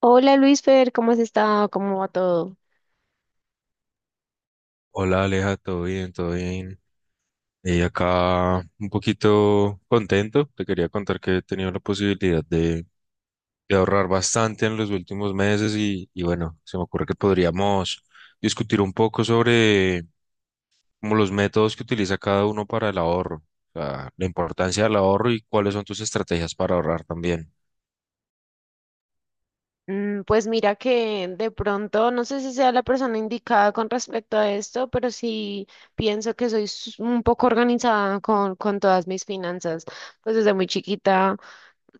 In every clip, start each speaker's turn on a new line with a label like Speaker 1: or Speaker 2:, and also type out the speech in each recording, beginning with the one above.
Speaker 1: Hola Luisfer, ¿cómo has estado? ¿Cómo va todo?
Speaker 2: Hola Aleja, todo bien, todo bien. Y acá un poquito contento. Te quería contar que he tenido la posibilidad de ahorrar bastante en los últimos meses y bueno, se me ocurre que podríamos discutir un poco sobre como los métodos que utiliza cada uno para el ahorro, o sea, la importancia del ahorro y cuáles son tus estrategias para ahorrar también.
Speaker 1: Pues mira que de pronto, no sé si sea la persona indicada con respecto a esto, pero sí pienso que soy un poco organizada con todas mis finanzas. Pues desde muy chiquita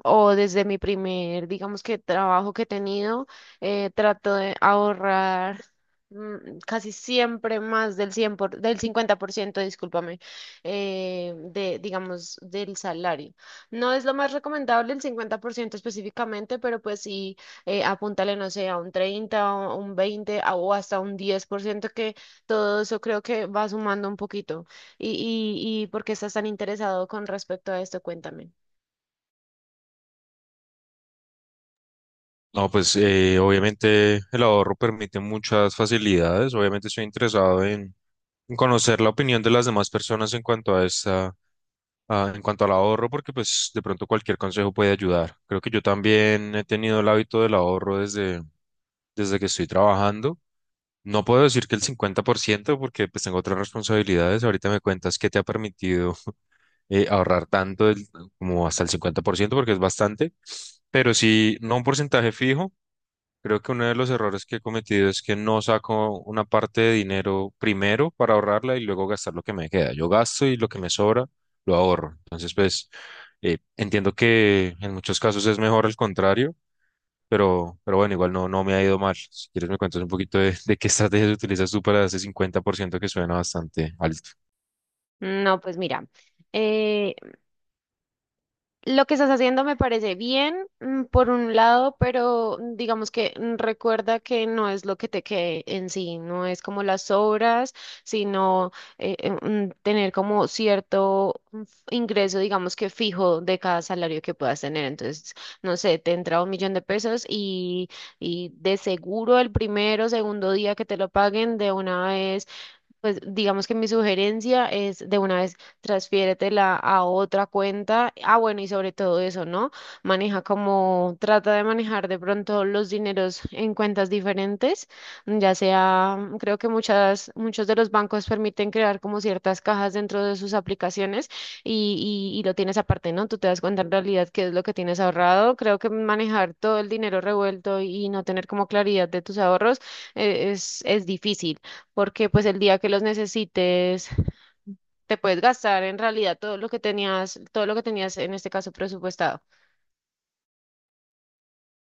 Speaker 1: o desde mi primer, digamos que trabajo que he tenido, trato de ahorrar. Casi siempre más del 50%, discúlpame, de, digamos, del salario. No es lo más recomendable el 50% específicamente, pero pues sí, apúntale, no sé, a un 30 o un 20 o hasta un 10% que todo eso creo que va sumando un poquito. ¿Y, y por qué estás tan interesado con respecto a esto? Cuéntame.
Speaker 2: No, pues obviamente el ahorro permite muchas facilidades. Obviamente estoy interesado en conocer la opinión de las demás personas en cuanto a esta en cuanto al ahorro, porque pues de pronto cualquier consejo puede ayudar. Creo que yo también he tenido el hábito del ahorro desde que estoy trabajando. No puedo decir que el 50%, porque pues tengo otras responsabilidades. Ahorita me cuentas qué te ha permitido ahorrar tanto como hasta el 50%, porque es bastante, pero sí, no un porcentaje fijo. Creo que uno de los errores que he cometido es que no saco una parte de dinero primero para ahorrarla y luego gastar lo que me queda. Yo gasto y lo que me sobra lo ahorro. Entonces, pues, entiendo que en muchos casos es mejor el contrario, pero bueno, igual no, no me ha ido mal. Si quieres me cuentas un poquito de qué estrategias utilizas tú para ese 50% que suena bastante alto.
Speaker 1: No, pues mira. eh, Lo que estás haciendo me parece bien, por un lado, pero digamos que recuerda que no es lo que te quede en sí, no es como las obras, sino tener como cierto ingreso, digamos que fijo de cada salario que puedas tener. Entonces, no sé, te entra 1.000.000 de pesos y de seguro el primero, segundo día que te lo paguen, de una vez pues digamos que mi sugerencia es de una vez transfiéretela a otra cuenta. Ah, bueno, y sobre todo eso, ¿no? Maneja como, trata de manejar de pronto los dineros en cuentas diferentes, ya sea, creo que muchos de los bancos permiten crear como ciertas cajas dentro de sus aplicaciones y lo tienes aparte, ¿no? Tú te das cuenta en realidad qué es lo que tienes ahorrado. Creo que manejar todo el dinero revuelto y no tener como claridad de tus ahorros es difícil porque pues el día que los necesites te puedes gastar en realidad todo lo que tenías en este caso presupuestado.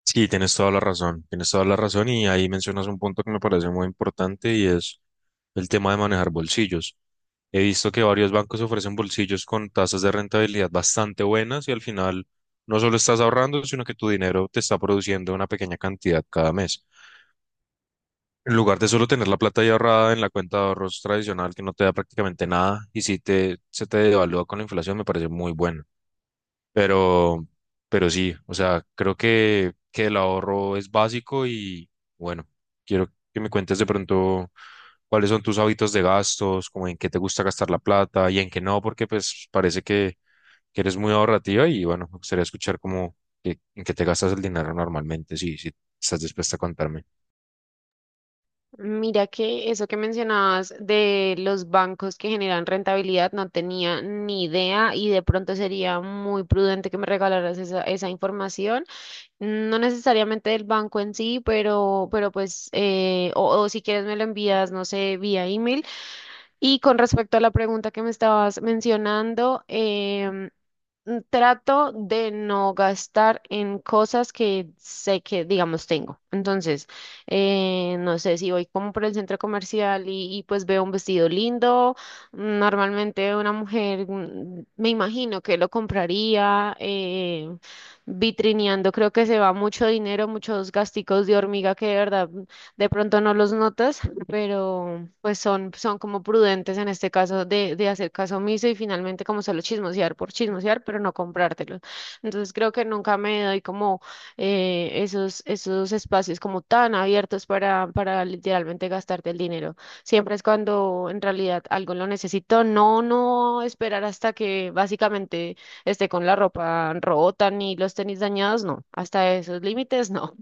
Speaker 2: Sí, tienes toda la razón, tienes toda la razón y ahí mencionas un punto que me parece muy importante y es el tema de manejar bolsillos. He visto que varios bancos ofrecen bolsillos con tasas de rentabilidad bastante buenas y al final no solo estás ahorrando, sino que tu dinero te está produciendo una pequeña cantidad cada mes. En lugar de solo tener la plata ahí ahorrada en la cuenta de ahorros tradicional que no te da prácticamente nada y si te, se te devalúa con la inflación, me parece muy bueno. Pero, pero sí, o sea, que el ahorro es básico y bueno, quiero que me cuentes de pronto cuáles son tus hábitos de gastos, como en qué te gusta gastar la plata y en qué no, porque pues que eres muy ahorrativa y bueno, me gustaría escuchar como en qué te gastas el dinero normalmente, si estás dispuesta a contarme.
Speaker 1: Mira que eso que mencionabas de los bancos que generan rentabilidad no tenía ni idea y de pronto sería muy prudente que me regalaras esa información, no necesariamente del banco en sí, pero pues, o si quieres me lo envías, no sé, vía email. Y con respecto a la pregunta que me estabas mencionando, trato de no gastar en cosas que sé que, digamos, tengo. Entonces, no sé si voy como por el centro comercial y, pues veo un vestido lindo. Normalmente una mujer, me imagino que lo compraría. Vitrineando, creo que se va mucho dinero, muchos gasticos de hormiga que de verdad de pronto no los notas pero pues son como prudentes en este caso de hacer caso omiso y finalmente como solo chismosear por chismosear, pero no comprártelo. Entonces creo que nunca me doy como esos espacios como tan abiertos para literalmente gastarte el dinero. Siempre es cuando en realidad algo lo necesito, no, no esperar hasta que básicamente esté con la ropa rota ni los tenis dañados, no, hasta esos límites no.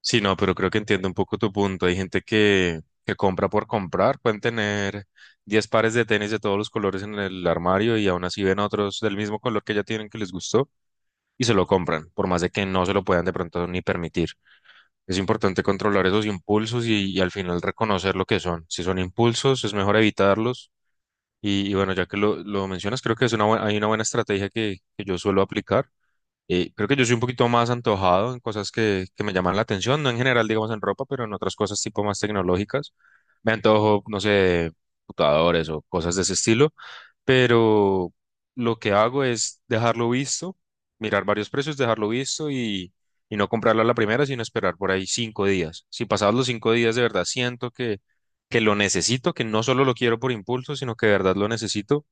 Speaker 2: Sí, no, pero creo que entiendo un poco tu punto. Hay gente que compra por comprar, pueden tener 10 pares de tenis de todos los colores en el armario y aún así ven otros del mismo color que ya tienen que les gustó y se lo compran, por más de que no se lo puedan de pronto ni permitir. Es importante controlar esos impulsos y al final reconocer lo que son. Si son impulsos, es mejor evitarlos. Y bueno, ya que lo mencionas, creo que es una, hay una buena estrategia que yo suelo aplicar. Creo que yo soy un poquito más antojado en cosas que me llaman la atención, no en general, digamos, en ropa, pero en otras cosas tipo más tecnológicas. Me antojo, no sé, de computadores o cosas de ese estilo, pero lo que hago es dejarlo visto, mirar varios precios, dejarlo visto y no comprarlo a la primera, sino esperar por ahí 5 días. Si pasados los 5 días de verdad siento que lo necesito, que no solo lo quiero por impulso, sino que de verdad lo necesito,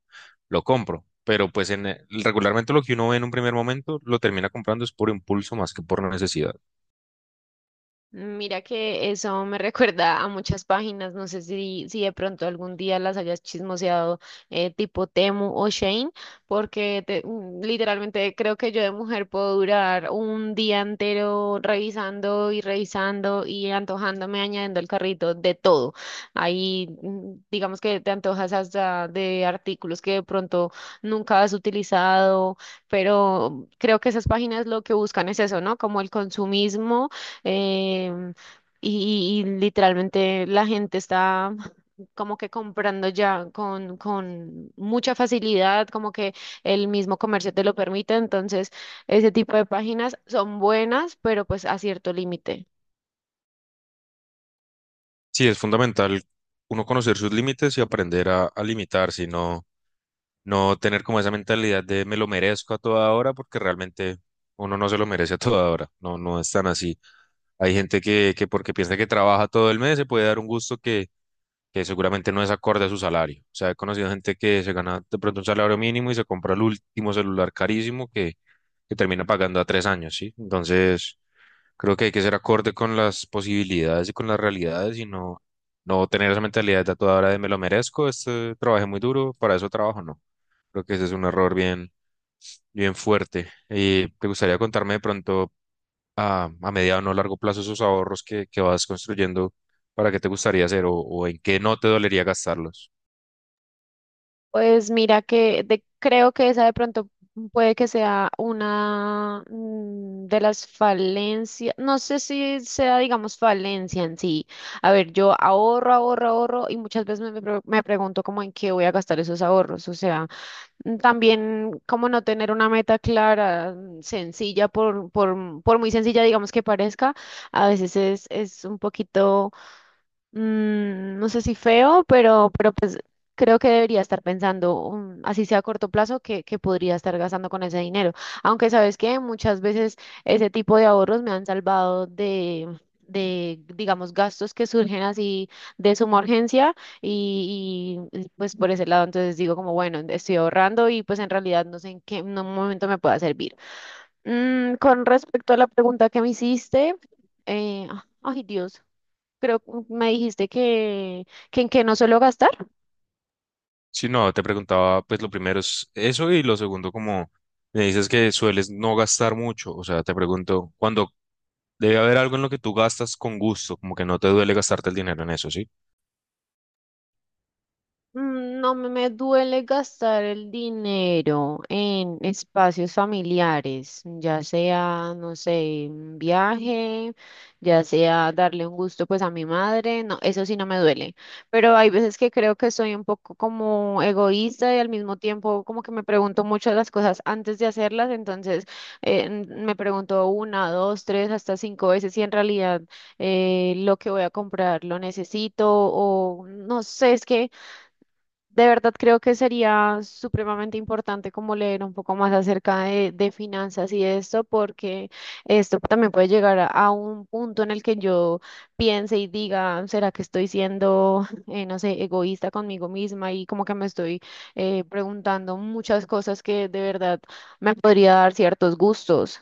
Speaker 2: lo compro. Pero pues en regularmente lo que uno ve en un primer momento lo termina comprando es por impulso más que por necesidad.
Speaker 1: Mira que eso me recuerda a muchas páginas, no sé si de pronto algún día las hayas chismoseado tipo Temu o Shane, porque literalmente creo que yo de mujer puedo durar un día entero revisando y revisando y antojándome, añadiendo al carrito de todo. Ahí digamos que te antojas hasta de artículos que de pronto nunca has utilizado, pero creo que esas páginas lo que buscan es eso, ¿no? Como el consumismo em, y literalmente la gente está como que comprando ya con mucha facilidad, como que el mismo comercio te lo permite. Entonces, ese tipo de páginas son buenas, pero pues a cierto límite.
Speaker 2: Sí, es fundamental uno conocer sus límites y aprender a limitarse, no, no tener como esa mentalidad de me lo merezco a toda hora porque realmente uno no se lo merece a toda hora. No, no es tan así. Hay gente que porque piensa que trabaja todo el mes se puede dar un gusto que seguramente no es acorde a su salario. O sea, he conocido gente que se gana de pronto un salario mínimo y se compra el último celular carísimo que termina pagando a 3 años, ¿sí? Entonces, creo que hay que ser acorde con las posibilidades y con las realidades y no, no tener esa mentalidad de a toda hora de me lo merezco, este, trabajé muy duro, para eso trabajo, no. Creo que ese es un error bien, bien fuerte. ¿Y te gustaría contarme de pronto a mediano o no largo plazo esos ahorros que vas construyendo para qué te gustaría hacer o en qué no te dolería gastarlos?
Speaker 1: Pues mira que creo que esa de pronto puede que sea una de las falencias, no sé si sea, digamos, falencia en sí. A ver, yo ahorro, ahorro, ahorro y muchas veces me pregunto como en qué voy a gastar esos ahorros. O sea, también como no tener una meta clara, sencilla, por muy sencilla, digamos, que parezca, a veces es un poquito no sé si feo, pero creo que debería estar pensando, así sea a corto plazo, que podría estar gastando con ese dinero. Aunque sabes que muchas veces ese tipo de ahorros me han salvado de, digamos, gastos que surgen así de suma urgencia y, pues por ese lado entonces digo como, bueno, estoy ahorrando y pues en realidad no sé en qué en un momento me pueda servir. Con respecto a la pregunta que me hiciste, eh, ay Dios, creo que me dijiste que en qué no suelo gastar.
Speaker 2: Si no, te preguntaba, pues lo primero es eso y lo segundo, como me dices que sueles no gastar mucho, o sea, te pregunto, cuando debe haber algo en lo que tú gastas con gusto, como que no te duele gastarte el dinero en eso, ¿sí?
Speaker 1: No me duele gastar el dinero en espacios familiares, ya sea, no sé, un viaje, ya sea darle un gusto pues a mi madre, no, eso sí no me duele, pero hay veces que creo que soy un poco como egoísta y al mismo tiempo como que me pregunto muchas las cosas antes de hacerlas, entonces me pregunto una, dos, tres, hasta cinco veces si en realidad lo que voy a comprar lo necesito o no sé, es que... De verdad creo que sería supremamente importante como leer un poco más acerca de finanzas y esto, porque esto también puede llegar a un punto en el que yo piense y diga, ¿será que estoy siendo, no sé, egoísta conmigo misma? Y como que me estoy preguntando muchas cosas que de verdad me podría dar ciertos gustos.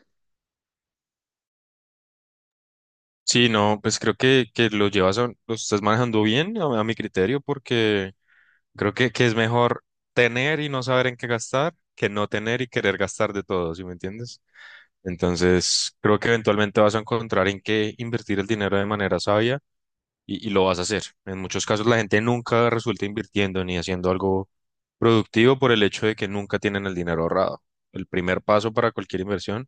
Speaker 2: Sí, no, pues que lo llevas, lo estás manejando bien a mi criterio porque que es mejor tener y no saber en qué gastar que no tener y querer gastar de todo, ¿sí me entiendes? Entonces, creo que eventualmente vas a encontrar en qué invertir el dinero de manera sabia y lo vas a hacer. En muchos casos la gente nunca resulta invirtiendo ni haciendo algo productivo por el hecho de que nunca tienen el dinero ahorrado. El primer paso para cualquier inversión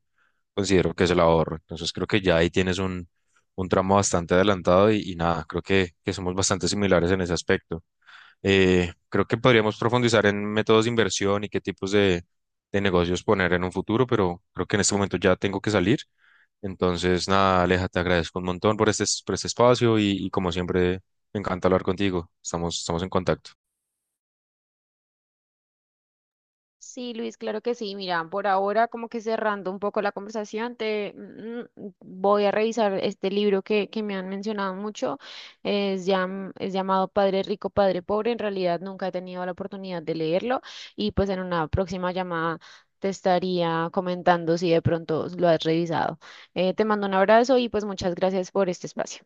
Speaker 2: considero que es el ahorro. Entonces, creo que ya ahí tienes un tramo bastante adelantado y nada, que somos bastante similares en ese aspecto. Creo que podríamos profundizar en métodos de inversión y qué tipos de negocios poner en un futuro, pero creo que en este momento ya tengo que salir. Entonces, nada, Aleja, te agradezco un montón por este espacio y como siempre, me encanta hablar contigo. Estamos, estamos en contacto.
Speaker 1: Sí, Luis, claro que sí. Mira, por ahora como que cerrando un poco la conversación, te voy a revisar este libro que me han mencionado mucho. Es llamado Padre Rico, Padre Pobre. En realidad nunca he tenido la oportunidad de leerlo y pues en una próxima llamada te estaría comentando si de pronto lo has revisado. Te mando un abrazo y pues muchas gracias por este espacio.